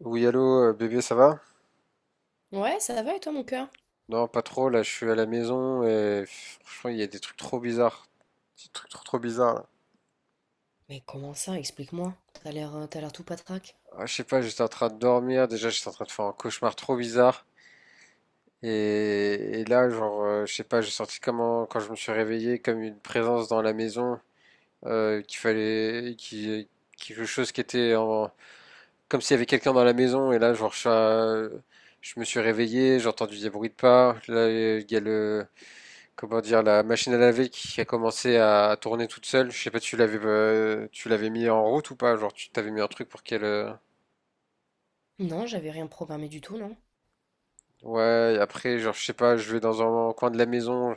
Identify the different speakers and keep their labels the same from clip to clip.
Speaker 1: Oui, allô, bébé, ça va?
Speaker 2: Ouais, ça va et toi, mon cœur?
Speaker 1: Non, pas trop, là, je suis à la maison et pff, franchement, il y a des trucs trop bizarres. Des trucs trop trop bizarres, là.
Speaker 2: Mais comment ça? Explique-moi. T'as l'air tout patraque.
Speaker 1: Ah, je sais pas, j'étais en train de dormir, déjà, j'étais en train de faire un cauchemar trop bizarre. Et là, genre, je sais pas, j'ai senti comment, quand je me suis réveillé, comme une présence dans la maison, euh, qu'il fallait, qui, quelque chose qui était en, comme s'il y avait quelqu'un dans la maison. Et là, genre, je me suis réveillé, j'ai entendu des bruits de pas. Là, il y a le, comment dire, la machine à laver qui a commencé à tourner toute seule. Je sais pas, tu l'avais mis en route ou pas? Genre, tu t'avais mis un truc pour qu'elle.
Speaker 2: Non, j'avais rien programmé du tout, non.
Speaker 1: Ouais, et après, genre, je sais pas, je vais dans un coin de la maison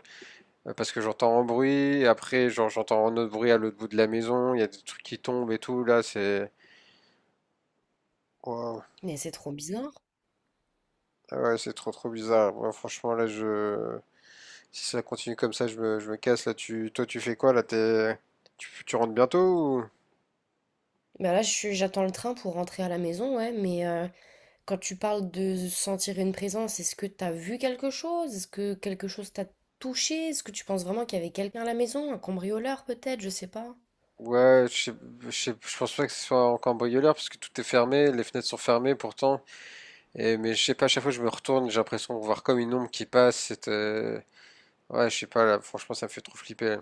Speaker 1: parce que j'entends un bruit. Et après, genre, j'entends un autre bruit à l'autre bout de la maison. Il y a des trucs qui tombent et tout. Là, c'est. Waouh.
Speaker 2: Mais c'est trop bizarre.
Speaker 1: Ah ouais, c'est trop trop bizarre. Moi, franchement, là, je. Si ça continue comme ça, je me casse. Là, toi, tu fais quoi? Là, t'es. Tu rentres bientôt ou...
Speaker 2: Bah là, je suis, j'attends le train pour rentrer à la maison, ouais. Mais quand tu parles de sentir une présence, est-ce que t'as vu quelque chose? Est-ce que quelque chose t'a touché? Est-ce que tu penses vraiment qu'il y avait quelqu'un à la maison? Un cambrioleur peut-être? Je sais pas.
Speaker 1: Ouais, je pense pas que ce soit un cambrioleur parce que tout est fermé, les fenêtres sont fermées pourtant. Et, mais je sais pas, à chaque fois que je me retourne, j'ai l'impression de voir comme une ombre qui passe. Ouais, je sais pas, là, franchement, ça me fait trop flipper.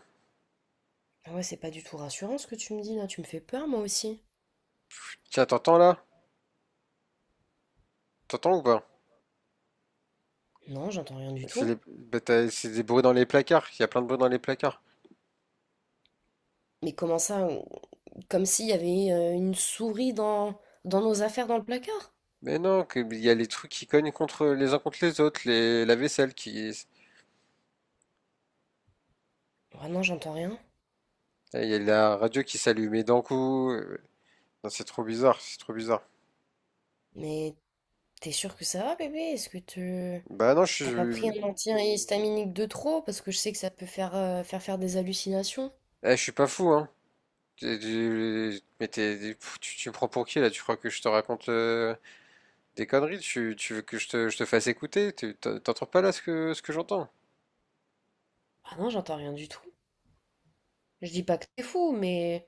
Speaker 2: Ah ouais, c'est pas du tout rassurant ce que tu me dis là. Tu me fais peur, moi aussi.
Speaker 1: Tiens, t'entends là? T'entends ou pas?
Speaker 2: Non, j'entends rien du tout.
Speaker 1: Bah, c'est des bruits dans les placards, il y a plein de bruits dans les placards.
Speaker 2: Mais comment ça? Comme s'il y avait une souris dans nos affaires dans le placard.
Speaker 1: Mais non, il y a les trucs qui cognent contre les uns contre les autres, les, la vaisselle qui.
Speaker 2: Ah non, j'entends rien.
Speaker 1: Il y a la radio qui s'allumait d'un coup. Non, c'est trop bizarre, c'est trop bizarre.
Speaker 2: Mais t'es sûr que ça va, bébé? Est-ce que tu...
Speaker 1: Bah non, je
Speaker 2: T'as pas pris un
Speaker 1: suis,
Speaker 2: antihistaminique de trop? Parce que je sais que ça peut faire, faire des hallucinations.
Speaker 1: je suis pas fou, hein. Mais pff, tu me prends pour qui là? Tu crois que je te raconte des conneries? Tu veux que je te fasse écouter? T'entends pas là ce ce que j'entends?
Speaker 2: Ah non, j'entends rien du tout. Je dis pas que t'es fou, mais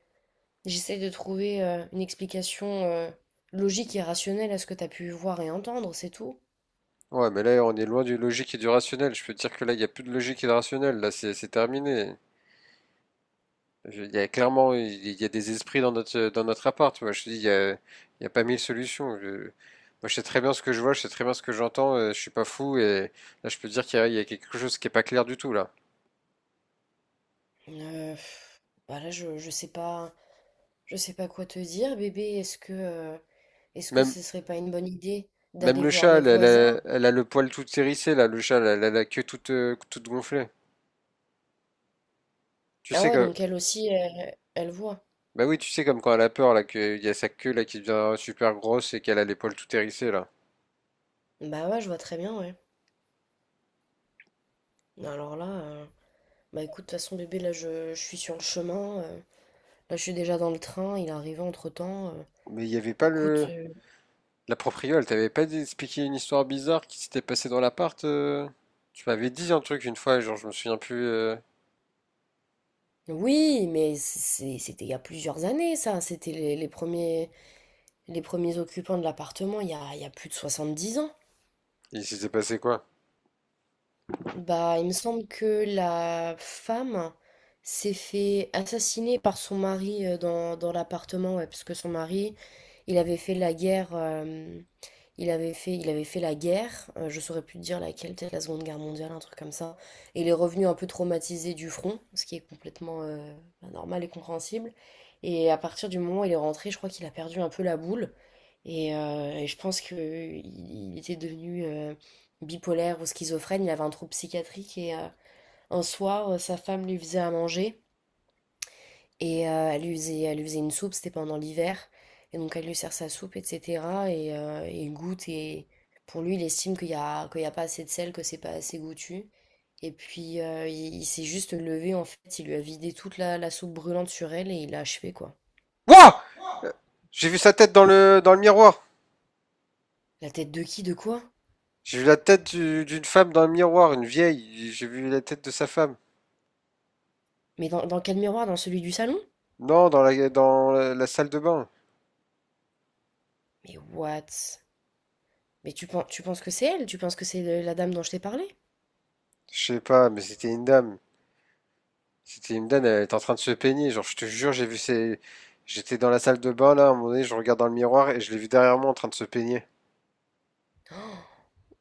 Speaker 2: j'essaie de trouver une explication logique et rationnelle à ce que t'as pu voir et entendre, c'est tout.
Speaker 1: Ouais, mais là on est loin du logique et du rationnel. Je peux te dire que là il n'y a plus de logique et de rationnel. Là c'est terminé. Il y a clairement il y a des esprits dans notre appart. Moi je te dis il y a pas mille solutions. Moi je sais très bien ce que je vois, je sais très bien ce que j'entends. Je suis pas fou et là je peux te dire il y a quelque chose qui est pas clair du tout là.
Speaker 2: Euh, pff, bah là, je sais pas quoi te dire, bébé. Est-ce que... est-ce que
Speaker 1: Même
Speaker 2: ce serait pas une bonne idée
Speaker 1: Même
Speaker 2: d'aller
Speaker 1: le
Speaker 2: voir
Speaker 1: chat,
Speaker 2: les
Speaker 1: elle,
Speaker 2: voisins?
Speaker 1: elle a le poil tout hérissé, là, le chat, elle, a la queue toute, toute gonflée. Tu
Speaker 2: Ah
Speaker 1: sais
Speaker 2: ouais,
Speaker 1: que,
Speaker 2: donc elle aussi, elle voit.
Speaker 1: bah oui, tu sais comme quand elle a peur, là, qu'il y a sa queue, là, qui devient super grosse et qu'elle a les poils tout hérissés, là.
Speaker 2: Bah ouais, je vois très bien, ouais. Alors là, bah écoute, de toute façon, bébé, là, je suis sur le chemin. Là, je suis déjà dans le train, il est arrivé entre-temps.
Speaker 1: Mais il y avait pas
Speaker 2: Écoute,
Speaker 1: le... La proprio, elle t'avait pas expliqué une histoire bizarre qui s'était passée dans l'appart Tu m'avais dit un truc une fois, genre, je me souviens plus,
Speaker 2: oui, mais c'était il y a plusieurs années, ça. C'était les premiers occupants de l'appartement, il y a plus de 70 ans.
Speaker 1: il s'était passé quoi?
Speaker 2: Bah, il me semble que la femme s'est fait assassiner par son mari dans, dans l'appartement, ouais, parce que son mari, il avait fait la guerre, il avait fait la guerre, je saurais plus te dire laquelle, peut-être la Seconde Guerre mondiale, un truc comme ça, et il est revenu un peu traumatisé du front, ce qui est complètement bah, normal et compréhensible, et à partir du moment où il est rentré, je crois qu'il a perdu un peu la boule, et je pense qu'il était devenu bipolaire ou schizophrène, il avait un trouble psychiatrique et un soir, sa femme lui faisait à manger et elle lui faisait une soupe, c'était pendant l'hiver. Et donc elle lui sert sa soupe, etc. Et il goûte et pour lui, il estime qu'il y a pas assez de sel, que c'est pas assez goûtu. Et puis il s'est juste levé en fait, il lui a vidé toute la soupe brûlante sur elle et il l'a achevé quoi.
Speaker 1: Wouah! Euh, J'ai vu sa tête dans le miroir!
Speaker 2: La tête de qui, de quoi?
Speaker 1: J'ai vu la tête d'une femme dans le miroir, une vieille, j'ai vu la tête de sa femme.
Speaker 2: Mais dans quel miroir? Dans celui du salon?
Speaker 1: Non, dans la, la salle de bain.
Speaker 2: Mais what? Mais tu penses que c'est elle? Tu penses que c'est la dame dont je t'ai parlé?
Speaker 1: Je sais pas, mais c'était une dame. C'était une dame, elle était en train de se peigner. Genre, je te jure, j'ai vu ses... J'étais dans la salle de bain, là, à un moment donné, je regarde dans le miroir et je l'ai vu derrière moi en train de se peigner.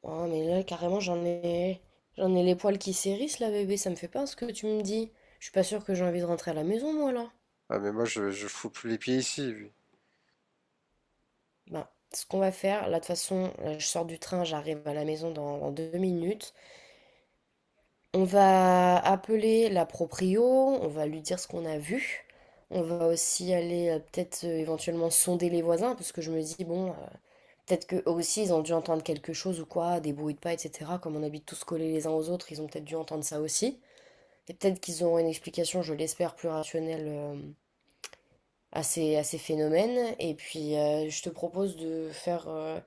Speaker 2: Ah, mais là, carrément, j'en ai... J'en ai les poils qui s'hérissent, là, bébé. Ça me fait peur ce que tu me dis. Je suis pas sûre que j'ai envie de rentrer à la maison, moi, là.
Speaker 1: Ah, mais moi, je fous plus les pieds ici. Lui.
Speaker 2: Bah, ce qu'on va faire, là, de toute façon, là, je sors du train, j'arrive à la maison dans deux minutes. On va appeler la proprio, on va lui dire ce qu'on a vu. On va aussi aller peut-être éventuellement sonder les voisins, parce que je me dis, bon, peut-être qu'eux aussi, ils ont dû entendre quelque chose ou quoi, des bruits de pas, etc. Comme on habite tous collés les uns aux autres, ils ont peut-être dû entendre ça aussi. Et peut-être qu'ils auront une explication, je l'espère, plus rationnelle à ces phénomènes. Et puis, je te propose de faire,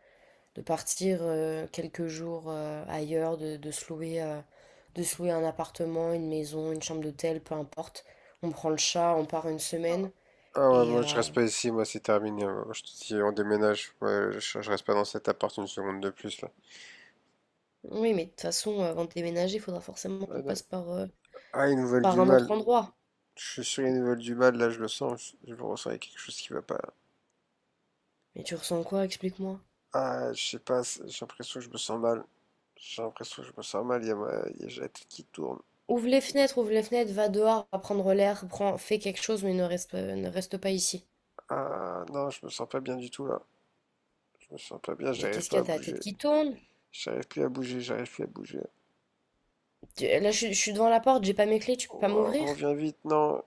Speaker 2: de partir quelques jours ailleurs, de se louer un appartement, une maison, une chambre d'hôtel, peu importe. On prend le chat, on part une semaine.
Speaker 1: Ah ouais,
Speaker 2: Et
Speaker 1: moi, je reste pas ici, moi, c'est terminé. Moi, je te dis, on déménage. Ouais, je reste pas dans cet appart une seconde de plus, là.
Speaker 2: oui, mais de toute façon, avant de déménager, il faudra forcément qu'on
Speaker 1: Ouais, non.
Speaker 2: passe par,
Speaker 1: Ah, ils nous veulent du
Speaker 2: par un autre
Speaker 1: mal.
Speaker 2: endroit.
Speaker 1: Je suis sûr qu'ils nous veulent du mal, là, je le sens. Je le ressens, il y a quelque chose qui va pas.
Speaker 2: Mais tu ressens quoi? Explique-moi.
Speaker 1: Ah, je sais pas, j'ai l'impression que je me sens mal. J'ai l'impression que je me sens mal, il y a j'ai la tête qui tourne.
Speaker 2: Ouvre les fenêtres, va dehors, va prendre l'air, prends, fais quelque chose, mais ne reste, ne reste pas ici.
Speaker 1: Ah non, je me sens pas bien du tout là. Je me sens pas bien,
Speaker 2: Mais
Speaker 1: j'arrive
Speaker 2: qu'est-ce qu'il
Speaker 1: pas
Speaker 2: y a?
Speaker 1: à
Speaker 2: T'as la
Speaker 1: bouger.
Speaker 2: tête qui tourne?
Speaker 1: J'arrive plus à bouger.
Speaker 2: Là, je suis devant la porte, j'ai pas mes clés, tu peux pas
Speaker 1: Oh,
Speaker 2: m'ouvrir?
Speaker 1: reviens vite, non.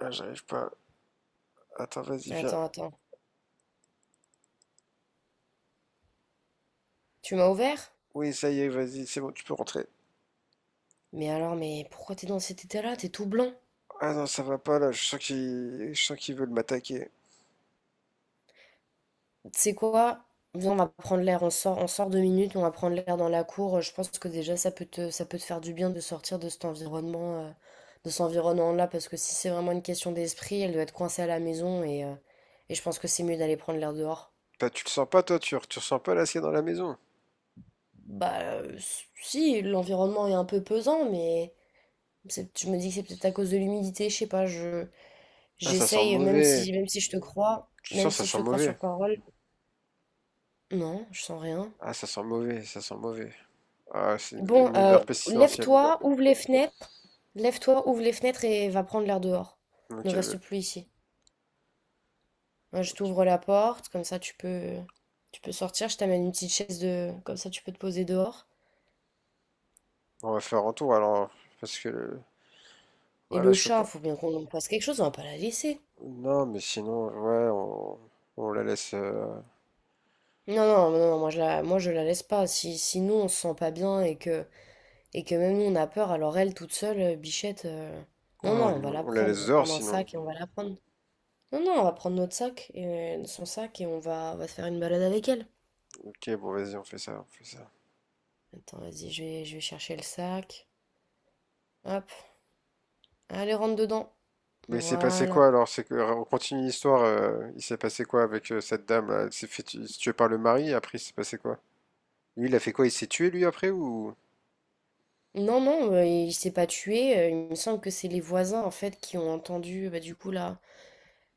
Speaker 1: Ah, j'arrive pas. Attends, vas-y,
Speaker 2: Attends,
Speaker 1: viens.
Speaker 2: attends. Tu m'as ouvert?
Speaker 1: Oui, ça y est, vas-y, c'est bon, tu peux rentrer.
Speaker 2: Mais alors, mais pourquoi t'es dans cet état-là? T'es tout blanc.
Speaker 1: Ah non, ça va pas là, je sens qu'ils veulent m'attaquer.
Speaker 2: Tu sais quoi? Viens, on va prendre l'air, on sort deux minutes, on va prendre l'air dans la cour. Je pense que déjà, ça peut te faire du bien de sortir de cet environnement, de cet environnement-là, parce que si c'est vraiment une question d'esprit, elle doit être coincée à la maison et je pense que c'est mieux d'aller prendre l'air dehors.
Speaker 1: Bah tu le sens pas toi, tu ressens pas l'acier dans la maison.
Speaker 2: Bah, si, l'environnement est un peu pesant, mais. Je me dis que c'est peut-être à cause de l'humidité, je sais pas, je
Speaker 1: Ah ça sent
Speaker 2: j'essaye, même
Speaker 1: mauvais.
Speaker 2: si je te crois,
Speaker 1: Tu
Speaker 2: même
Speaker 1: sens ça
Speaker 2: si je
Speaker 1: sent
Speaker 2: te crois
Speaker 1: mauvais.
Speaker 2: sur parole, non, je sens rien.
Speaker 1: Ah ça sent mauvais, ça sent mauvais. Ah c'est
Speaker 2: Bon,
Speaker 1: une odeur pestilentielle.
Speaker 2: lève-toi, ouvre les fenêtres, lève-toi, ouvre les fenêtres et va prendre l'air dehors. Ne
Speaker 1: OK, ouais,
Speaker 2: reste plus ici. Moi, je
Speaker 1: OK.
Speaker 2: t'ouvre la porte, comme ça tu peux sortir, je t'amène une petite chaise de comme ça tu peux te poser dehors.
Speaker 1: On va faire un tour alors, parce que le...
Speaker 2: Et
Speaker 1: ouais, là,
Speaker 2: le
Speaker 1: je peux
Speaker 2: chat,
Speaker 1: pas.
Speaker 2: faut bien qu'on en fasse quelque chose, on va pas la laisser.
Speaker 1: Non, mais sinon, ouais, on la laisse,
Speaker 2: Non, non, non, non, moi je la laisse pas. Si, si nous on se sent pas bien et que et que même nous, on a peur, alors elle, toute seule, Bichette,
Speaker 1: ouais,
Speaker 2: non, non, on va la
Speaker 1: on la
Speaker 2: prendre, on
Speaker 1: laisse
Speaker 2: va
Speaker 1: dehors
Speaker 2: prendre un
Speaker 1: sinon.
Speaker 2: sac et on va la prendre. Non, non, on va prendre notre sac, et, son sac, et on va se faire une balade avec elle.
Speaker 1: OK, bon, vas-y, on fait ça, on fait ça.
Speaker 2: Attends, vas-y, je vais chercher le sac. Hop, allez, rentre dedans.
Speaker 1: Mais il s'est passé
Speaker 2: Voilà.
Speaker 1: quoi alors? C'est que on continue l'histoire. Il s'est passé quoi avec cette dame là? Elle s'est fait tuer par le mari. Après, il s'est passé quoi? Lui, il a fait quoi? Il s'est tué lui après ou?
Speaker 2: Non, non, il s'est pas tué. Il me semble que c'est les voisins, en fait, qui ont entendu, bah, du coup, la,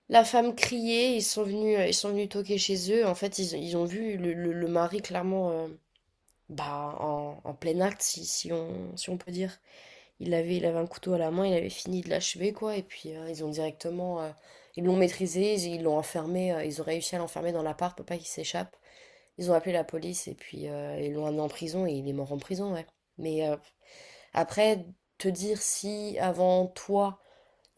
Speaker 2: la femme crier. Ils sont venus toquer chez eux. En fait, ils ont vu le, le mari, clairement, bah, en, en plein acte, si, si on peut dire. Il avait un couteau à la main, il avait fini de l'achever, quoi. Et puis, ils ont directement. Ils l'ont maîtrisé, ils l'ont enfermé. Ils ont réussi à l'enfermer dans l'appart pour pas qu'il s'échappe. Ils ont appelé la police et puis ils l'ont amené en prison et il est mort en prison, ouais. Mais après, te dire si avant toi,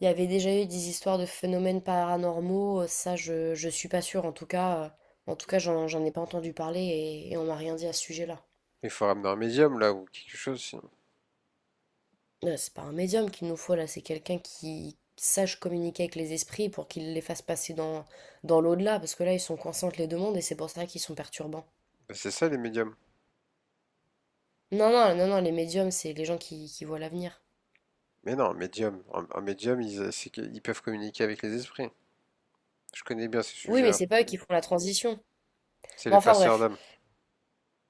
Speaker 2: il y avait déjà eu des histoires de phénomènes paranormaux, ça, je suis pas sûre. En tout cas, j'en ai pas entendu parler et on m'a rien dit à ce sujet-là.
Speaker 1: Il faut ramener un médium là ou quelque chose sinon.
Speaker 2: C'est pas un médium qu'il nous faut là, c'est quelqu'un qui sache communiquer avec les esprits pour qu'il les fasse passer dans, dans l'au-delà, parce que là ils sont coincés entre les deux mondes et c'est pour ça qu'ils sont perturbants.
Speaker 1: Bah, c'est ça les médiums.
Speaker 2: Non, non, non, non, les médiums, c'est les gens qui voient l'avenir.
Speaker 1: Mais non, un médium, un médium, c'est qu'ils peuvent communiquer avec les esprits. Je connais bien ces
Speaker 2: Oui, mais
Speaker 1: sujets-là.
Speaker 2: c'est pas eux qui font la transition.
Speaker 1: C'est
Speaker 2: Bon,
Speaker 1: les
Speaker 2: enfin
Speaker 1: passeurs
Speaker 2: bref,
Speaker 1: d'âme.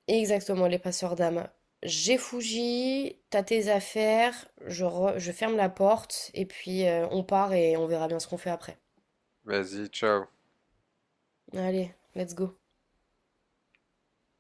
Speaker 2: exactement, les passeurs d'âme. J'ai Fuji, t'as tes affaires, je ferme la porte et puis on part et on verra bien ce qu'on fait après.
Speaker 1: Vas-y, ciao.
Speaker 2: Allez, let's go.